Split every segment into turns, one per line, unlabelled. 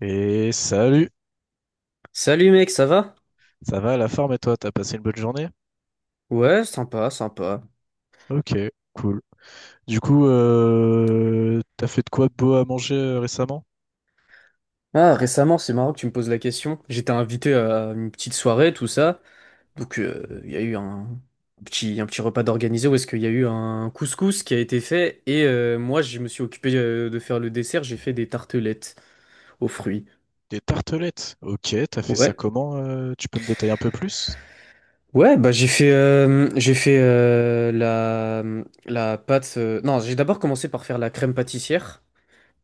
Et salut,
Salut mec, ça va?
ça va la forme et toi, t'as passé une bonne journée?
Ouais, sympa, sympa.
Ok, cool. Du coup, t'as fait de quoi de beau à manger récemment?
Ah, récemment, c'est marrant que tu me poses la question. J'étais invité à une petite soirée, tout ça. Donc, il y a eu un petit repas d'organisé où est-ce qu'il y a eu un couscous qui a été fait. Et moi, je me suis occupé de faire le dessert. J'ai fait des tartelettes aux fruits.
Des tartelettes. Ok, t'as fait ça
Ouais.
comment? Tu peux me détailler un peu plus?
Ouais, bah j'ai fait la pâte. Non, j'ai d'abord commencé par faire la crème pâtissière.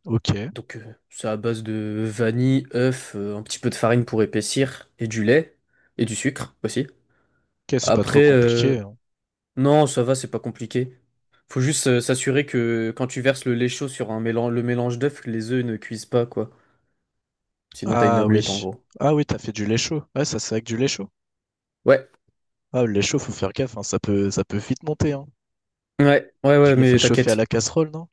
Ok,
Donc, c'est à base de vanille, œuf, un petit peu de farine pour épaissir, et du lait, et du sucre aussi.
ok, c'est pas trop
Après,
compliqué, hein.
non, ça va, c'est pas compliqué. Faut juste s'assurer que quand tu verses le lait chaud sur un mélange, le mélange d'œufs, que les œufs ne cuisent pas, quoi. Sinon, t'as une
Ah
omelette, en
oui,
gros.
ah oui, t'as fait du lait chaud. Ouais, ça c'est avec du lait chaud.
Ouais,
Ah, le lait chaud, faut faire gaffe, hein, ça peut vite monter, hein.
ouais, ouais,
Tu
ouais,
l'as fait
mais
chauffer à
t'inquiète.
la casserole, non?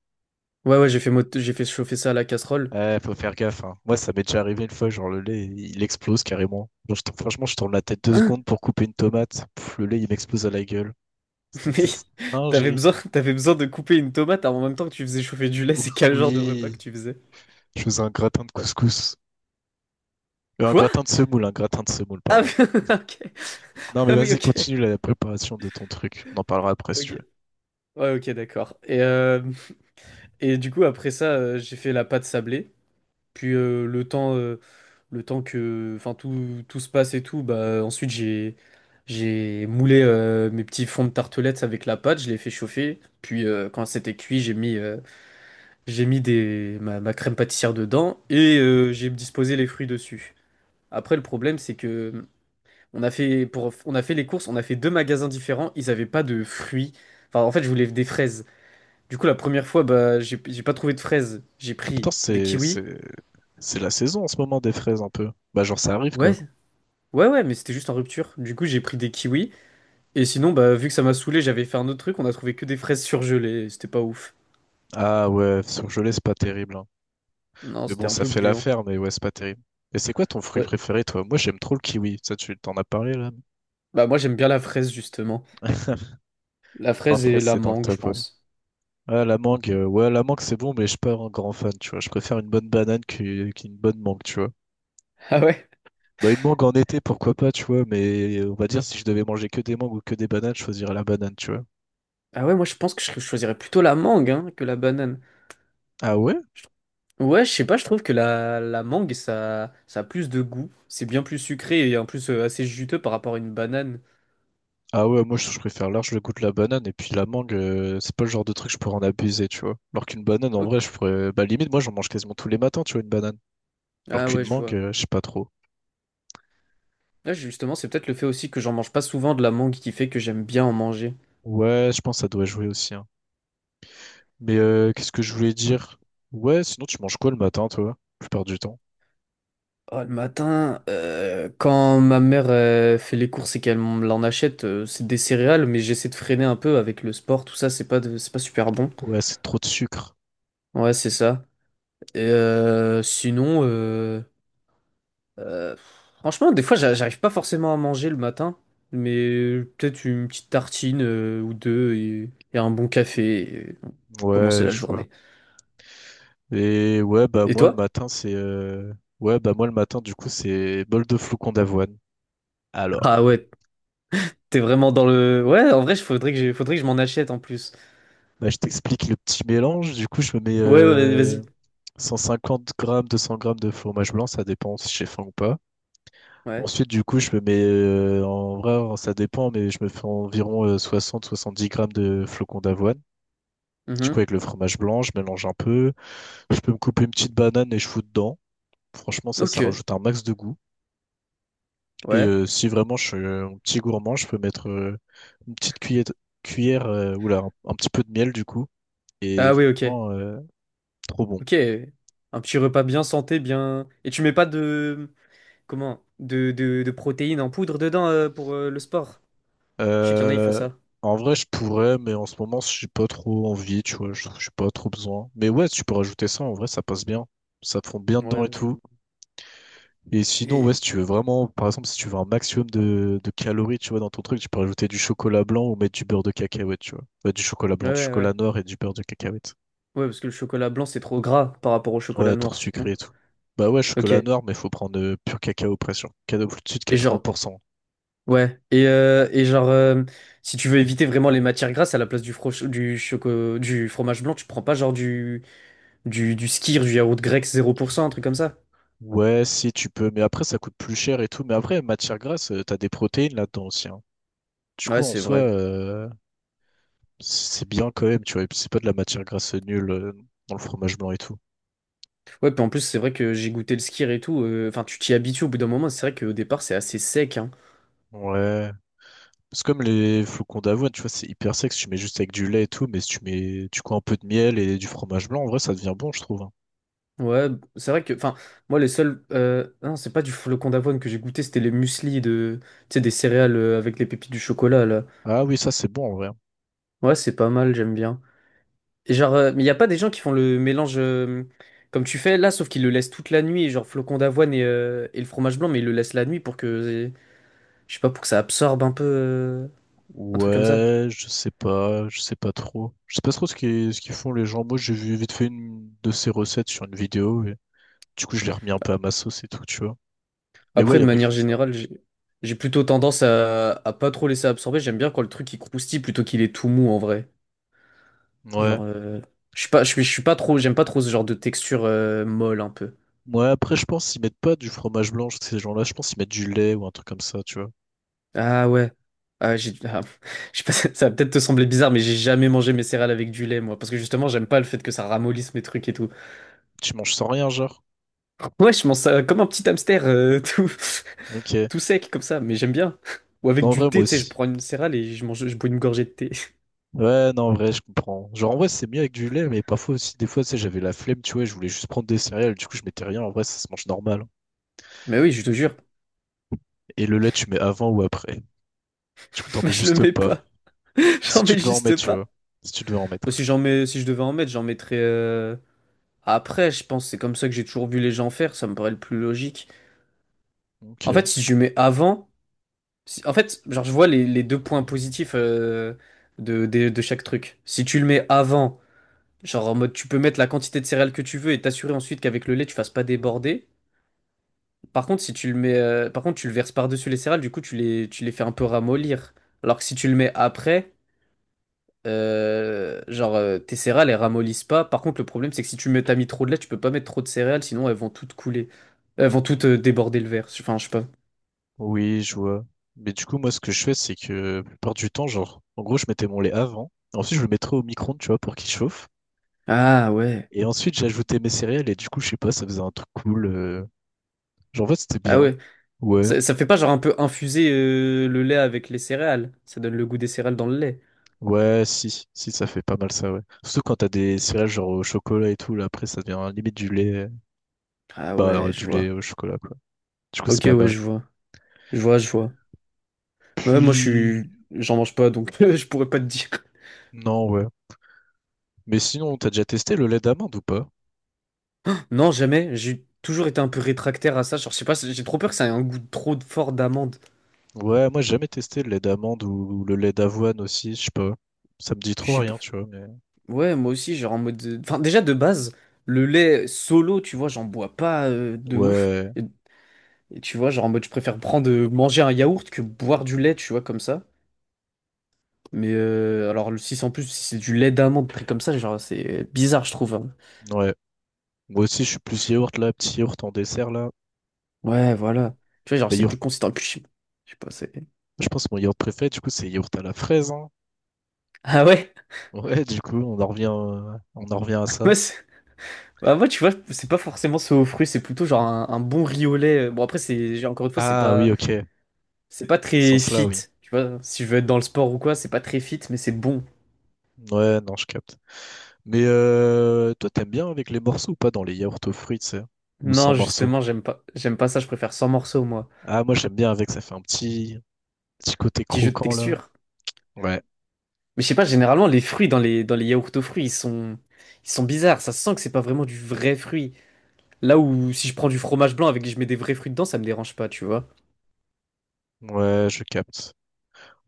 Ouais, ouais, j'ai fait chauffer ça à la casserole.
Ouais, faut faire gaffe, hein. Moi, ça m'est déjà arrivé une fois, genre le lait, il explose carrément. Genre, franchement, je tourne la tête deux secondes
Hein?
pour couper une tomate. Pff, le lait, il m'explose à la gueule. C'était une
Mais
singerie.
t'avais besoin de couper une tomate en même temps que tu faisais chauffer du lait,
Ouh,
c'est quel genre de repas que
oui,
tu faisais?
je faisais un gratin de couscous. Un
Quoi?
gratin de semoule, un gratin de semoule,
Ah oui,
pardon.
OK.
Non, mais
Ah oui,
vas-y,
OK.
continue la préparation de ton truc. On en parlera après si tu
OK.
veux.
Ouais, OK, d'accord. Et du coup, après ça, j'ai fait la pâte sablée. Puis le temps que, enfin, tout se passe et tout, bah ensuite j'ai moulé mes petits fonds de tartelettes avec la pâte. Je l'ai fait chauffer. Puis quand c'était cuit, j'ai mis ma crème pâtissière dedans et j'ai disposé les fruits dessus. Après, le problème, c'est que On a fait pour, on a fait les courses, on a fait deux magasins différents, ils avaient pas de fruits. Enfin, en fait, je voulais des fraises. Du coup, la première fois, bah, j'ai pas trouvé de fraises. J'ai
Ah putain,
pris des
c'est,
kiwis.
c'est, c'est la saison en ce moment des fraises un peu. Bah, genre, ça arrive quoi.
Ouais, ouais, ouais, mais c'était juste en rupture. Du coup, j'ai pris des kiwis. Et sinon, bah, vu que ça m'a saoulé, j'avais fait un autre truc. On a trouvé que des fraises surgelées. C'était pas ouf.
Ah ouais, surgelé, c'est pas terrible, hein.
Non,
Mais bon,
c'était un
ça
peu
fait
gluant.
l'affaire, mais ouais, c'est pas terrible. Et c'est quoi ton fruit
Ouais.
préféré, toi? Moi, j'aime trop le kiwi. Ça, tu t'en as parlé, là?
Bah, moi, j'aime bien la fraise, justement. La fraise
Après,
et la
c'est dans le
mangue, je
top, ouais.
pense.
Ah, la mangue, ouais, la mangue, c'est bon, mais je suis pas un grand fan, tu vois. Je préfère une bonne banane qu'une bonne mangue, tu vois.
Ah ouais?
Bah, une mangue en été, pourquoi pas, tu vois, mais on va dire, si je devais manger que des mangues ou que des bananes, je choisirais la banane, tu vois.
Ah ouais, moi, je pense que je choisirais plutôt la mangue, hein, que la banane.
Ah ouais?
Ouais, je sais pas, je trouve que la mangue, ça a plus de goût. C'est bien plus sucré et en plus assez juteux par rapport à une banane.
Ah ouais, moi, je préfère large le goût de la banane, et puis la mangue, c'est pas le genre de truc que je pourrais en abuser, tu vois. Alors qu'une banane, en vrai,
Ok.
je pourrais. Bah, limite, moi, j'en mange quasiment tous les matins, tu vois, une banane. Alors
Ah
qu'une
ouais, je
mangue,
vois.
je sais pas trop.
Là, justement, c'est peut-être le fait aussi que j'en mange pas souvent de la mangue qui fait que j'aime bien en manger.
Ouais, je pense que ça doit jouer aussi, hein. Mais qu'est-ce que je voulais dire? Ouais, sinon tu manges quoi le matin, toi, la plupart du temps?
Oh, le matin, quand ma mère fait les courses et qu'elle m'en achète, c'est des céréales, mais j'essaie de freiner un peu avec le sport, tout ça, c'est pas super bon.
Ouais, c'est trop de sucre.
Ouais, c'est ça. Et sinon, Euh, franchement, des fois, j'arrive pas forcément à manger le matin, mais peut-être une petite tartine ou deux et un bon café pour commencer
Ouais,
la
je vois.
journée.
Et ouais, bah
Et
moi le
toi?
matin, c'est ouais, bah moi le matin, du coup, c'est bol de flocons d'avoine.
Ah
Alors,
ouais, t'es vraiment dans le... Ouais, en vrai, il faudrait que je m'en achète en plus.
bah, je t'explique le petit mélange. Du coup, je me mets
Ouais, ouais, vas-y.
150 grammes, 200 grammes de fromage blanc, ça dépend si j'ai faim ou pas.
Ouais.
Ensuite, du coup, je me mets, en vrai, ça dépend, mais je me fais environ soixante, soixante-dix grammes de flocons d'avoine. Du coup,
Mhm.
avec le fromage blanc, je mélange un peu. Je peux me couper une petite banane et je fous dedans. Franchement, ça
Ok.
rajoute un max de goût. Et
Ouais.
si vraiment je suis un petit gourmand, je peux mettre une petite cuillère oula, un petit peu de miel du coup. Et
Ah oui, ok.
franchement, trop bon.
Ok. Un petit repas bien santé, bien... Et tu mets pas de... Comment? De protéines en poudre dedans pour le sport? Je sais qu'il y en a, ils font
Euh,
ça.
en vrai, je pourrais, mais en ce moment, j'ai pas trop envie, tu vois. Je n'ai pas trop besoin. Mais ouais, tu peux rajouter ça. En vrai, ça passe bien. Ça fond bien
Ouais,
dedans et
ok.
tout. Et sinon, ouais,
Et...
si tu veux vraiment, par exemple, si tu veux un maximum de calories, tu vois, dans ton truc, tu peux rajouter du chocolat blanc ou mettre du beurre de cacahuète, tu vois. Bah, du chocolat
Ouais,
blanc, du
ouais, ouais.
chocolat noir et du beurre de cacahuète.
Ouais, parce que le chocolat blanc, c'est trop gras par rapport au chocolat
Ouais, trop
noir,
sucré
non?
et tout. Bah ouais, chocolat
Ok.
noir, mais faut prendre pur cacao pression. Cacao au-dessus de
Et genre,
80%.
et genre, si tu veux éviter vraiment les matières grasses, à la place du fromage blanc, tu prends pas genre du skyr, du yaourt grec 0%, un truc comme ça.
Ouais, si tu peux, mais après, ça coûte plus cher et tout. Mais après, matière grasse, t'as des protéines là-dedans aussi, hein. Du coup,
Ouais,
en
c'est
soi,
vrai.
c'est bien quand même, tu vois. Et puis, c'est pas de la matière grasse nulle dans le fromage blanc et tout.
Ouais, puis en plus, c'est vrai que j'ai goûté le skyr et tout. Enfin, tu t'y habitues au bout d'un moment. C'est vrai qu'au départ, c'est assez sec, hein.
Ouais. C'est comme les flocons d'avoine, tu vois, c'est hyper sec, si tu mets juste avec du lait et tout, mais si tu mets tu coins un peu de miel et du fromage blanc, en vrai, ça devient bon, je trouve, hein.
Ouais, c'est vrai que. Enfin, moi, les seuls. Non, c'est pas du flocon d'avoine que j'ai goûté, c'était les muesli de. Tu sais, des céréales avec les pépites du chocolat, là.
Ah oui, ça c'est bon en vrai, hein.
Ouais, c'est pas mal, j'aime bien. Et genre, mais y a pas des gens qui font le mélange comme tu fais là, sauf qu'ils le laissent toute la nuit, et genre flocon d'avoine et le fromage blanc, mais ils le laissent la nuit pour que, je sais pas, pour que ça absorbe un peu, un truc comme ça.
Ouais, je sais pas trop. Je sais pas trop ce qu'ils font les gens. Moi, j'ai vu vite fait une de ces recettes sur une vidéo et du coup, je l'ai remis un peu à ma sauce et tout, tu vois. Mais ouais,
Après,
il y
de
en a qui
manière
font ça.
générale, j'ai plutôt tendance à pas trop laisser absorber. J'aime bien quand le truc il croustille plutôt qu'il est tout mou en vrai.
Ouais.
Genre, je suis pas trop, j'aime pas trop ce genre de texture molle un peu.
Ouais, après, je pense qu'ils mettent pas du fromage blanc, ces gens-là, je pense qu'ils mettent du lait ou un truc comme ça, tu vois.
Ah ouais. Ah, j'ai... ah, je sais pas, ça va peut-être te sembler bizarre, mais j'ai jamais mangé mes céréales avec du lait, moi. Parce que justement, j'aime pas le fait que ça ramollisse mes trucs et tout.
Tu manges sans rien, genre.
Ouais, je mange ça comme un petit hamster,
Ok.
tout sec comme ça, mais j'aime bien. Ou avec
Non, en
du
vrai, moi
thé, tu sais, je
aussi.
prends une céréale et je bois une gorgée de thé.
Ouais, non, en vrai, je comprends. Genre, en vrai, c'est mieux avec du lait, mais parfois aussi, des fois, tu sais, j'avais la flemme, tu vois, je voulais juste prendre des céréales, du coup, je mettais rien. En vrai, ça se mange normal.
Mais oui, je te jure,
Et le lait, tu mets avant ou après. Du coup, t'en mets
je le
juste
mets
pas.
pas.
Si
J'en
tu
mets
devais en
juste
mettre, tu vois.
pas.
Si tu devais en
Bah,
mettre.
si j'en mets, si je devais en mettre, j'en mettrais. Après, je pense, c'est comme ça que j'ai toujours vu les gens faire, ça me paraît le plus logique. En fait,
Ok.
si je mets avant. En fait, genre, je vois les deux points positifs de chaque truc. Si tu le mets avant, genre en mode tu peux mettre la quantité de céréales que tu veux et t'assurer ensuite qu'avec le lait tu fasses pas déborder. Par contre, si tu le mets, par contre, tu le verses par-dessus les céréales, du coup tu les fais un peu ramollir. Alors que si tu le mets après, tes céréales elles ramollissent pas. Par contre, le problème c'est que si t'as mis trop de lait, tu peux pas mettre trop de céréales, sinon elles vont toutes couler. Elles vont
Mm.
toutes déborder le verre. Enfin, je sais pas.
Oui, je vois. Mais du coup, moi, ce que je fais, c'est que, la plupart du temps, genre, en gros, je mettais mon lait avant. Ensuite, je le mettrais au micro-ondes, tu vois, pour qu'il chauffe.
Ah ouais.
Et ensuite, j'ajoutais mes céréales, et du coup, je sais pas, ça faisait un truc cool. Genre, en fait, c'était
Ah
bien.
ouais.
Ouais.
Ça fait pas genre un peu infuser le lait avec les céréales. Ça donne le goût des céréales dans le lait.
Ouais, si, si, ça fait pas mal ça, ouais. Surtout quand t'as des céréales genre au chocolat et tout, là, après, ça devient limite du lait,
Ah
bah, hein,
ouais, je
du lait
vois.
au chocolat, quoi. Du coup, c'est
Ok,
pas
ouais,
mal.
je vois. Je vois, je vois. Ouais, moi, je
Puis,
suis... J'en mange pas, donc je pourrais pas te dire.
non, ouais. Mais sinon, t'as déjà testé le lait d'amande ou pas?
Non, jamais. J'ai toujours été un peu rétractaire à ça. Genre, je sais pas, j'ai trop peur que ça ait un goût trop fort d'amande.
Ouais, moi, j'ai jamais testé le lait d'amande ou le lait d'avoine aussi, je sais pas. Ça me dit
Je
trop
sais pas.
rien, tu vois, mais.
Ouais, moi aussi, genre en mode... Enfin, déjà, de base, le lait solo, tu vois, j'en bois pas de ouf.
Ouais,
Et, et tu vois, genre en mode, je préfère prendre... manger un yaourt que boire du lait, tu vois, comme ça. Mais alors, le six en plus, si c'est du lait d'amande pris comme ça, genre, c'est bizarre, je trouve, hein.
ouais. Moi aussi, je suis plus yaourt, là, petit yaourt en dessert, là.
Ouais, voilà. Tu vois, genre,
Bah,
c'est
yaourt,
plus consistant. Et puis, je sais pas, c'est.
je pense que mon yaourt préféré, du coup, c'est yaourt à la fraise, hein.
Ah ouais?
Ouais, du coup, on en revient à ça.
Moi, c'est- bah, moi, tu vois, c'est pas forcément ce aux fruits, c'est plutôt genre un bon riz au lait. Bon, après, encore une fois,
Ah oui, ok.
c'est pas
Dans ce
très
sens-là,
fit.
oui.
Tu vois, si je veux être dans le sport ou quoi, c'est pas très fit, mais c'est bon.
Ouais, non, je capte. Mais toi, t'aimes bien avec les morceaux ou pas dans les yaourts aux fruits, tu sais, ou sans
Non,
morceaux?
justement, j'aime pas ça, je préfère sans morceaux, moi.
Ah, moi, j'aime bien avec, ça fait un petit, petit côté
Petit jeu de
croquant, là.
texture.
Ouais,
Mais je sais pas, généralement, les fruits dans les yaourts aux fruits, ils sont bizarres. Ça sent que c'est pas vraiment du vrai fruit. Là où si je prends du fromage blanc avec et je mets des vrais fruits dedans, ça me dérange pas, tu vois.
ouais, je capte.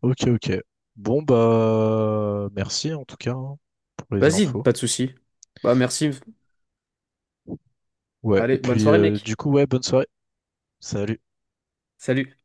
Ok, ok. Bon, bah, merci en tout cas hein, pour les
Vas-y,
infos.
pas de souci. Bah merci.
Ouais, et
Allez, bonne
puis,
soirée mec.
du coup, ouais, bonne soirée. Salut.
Salut.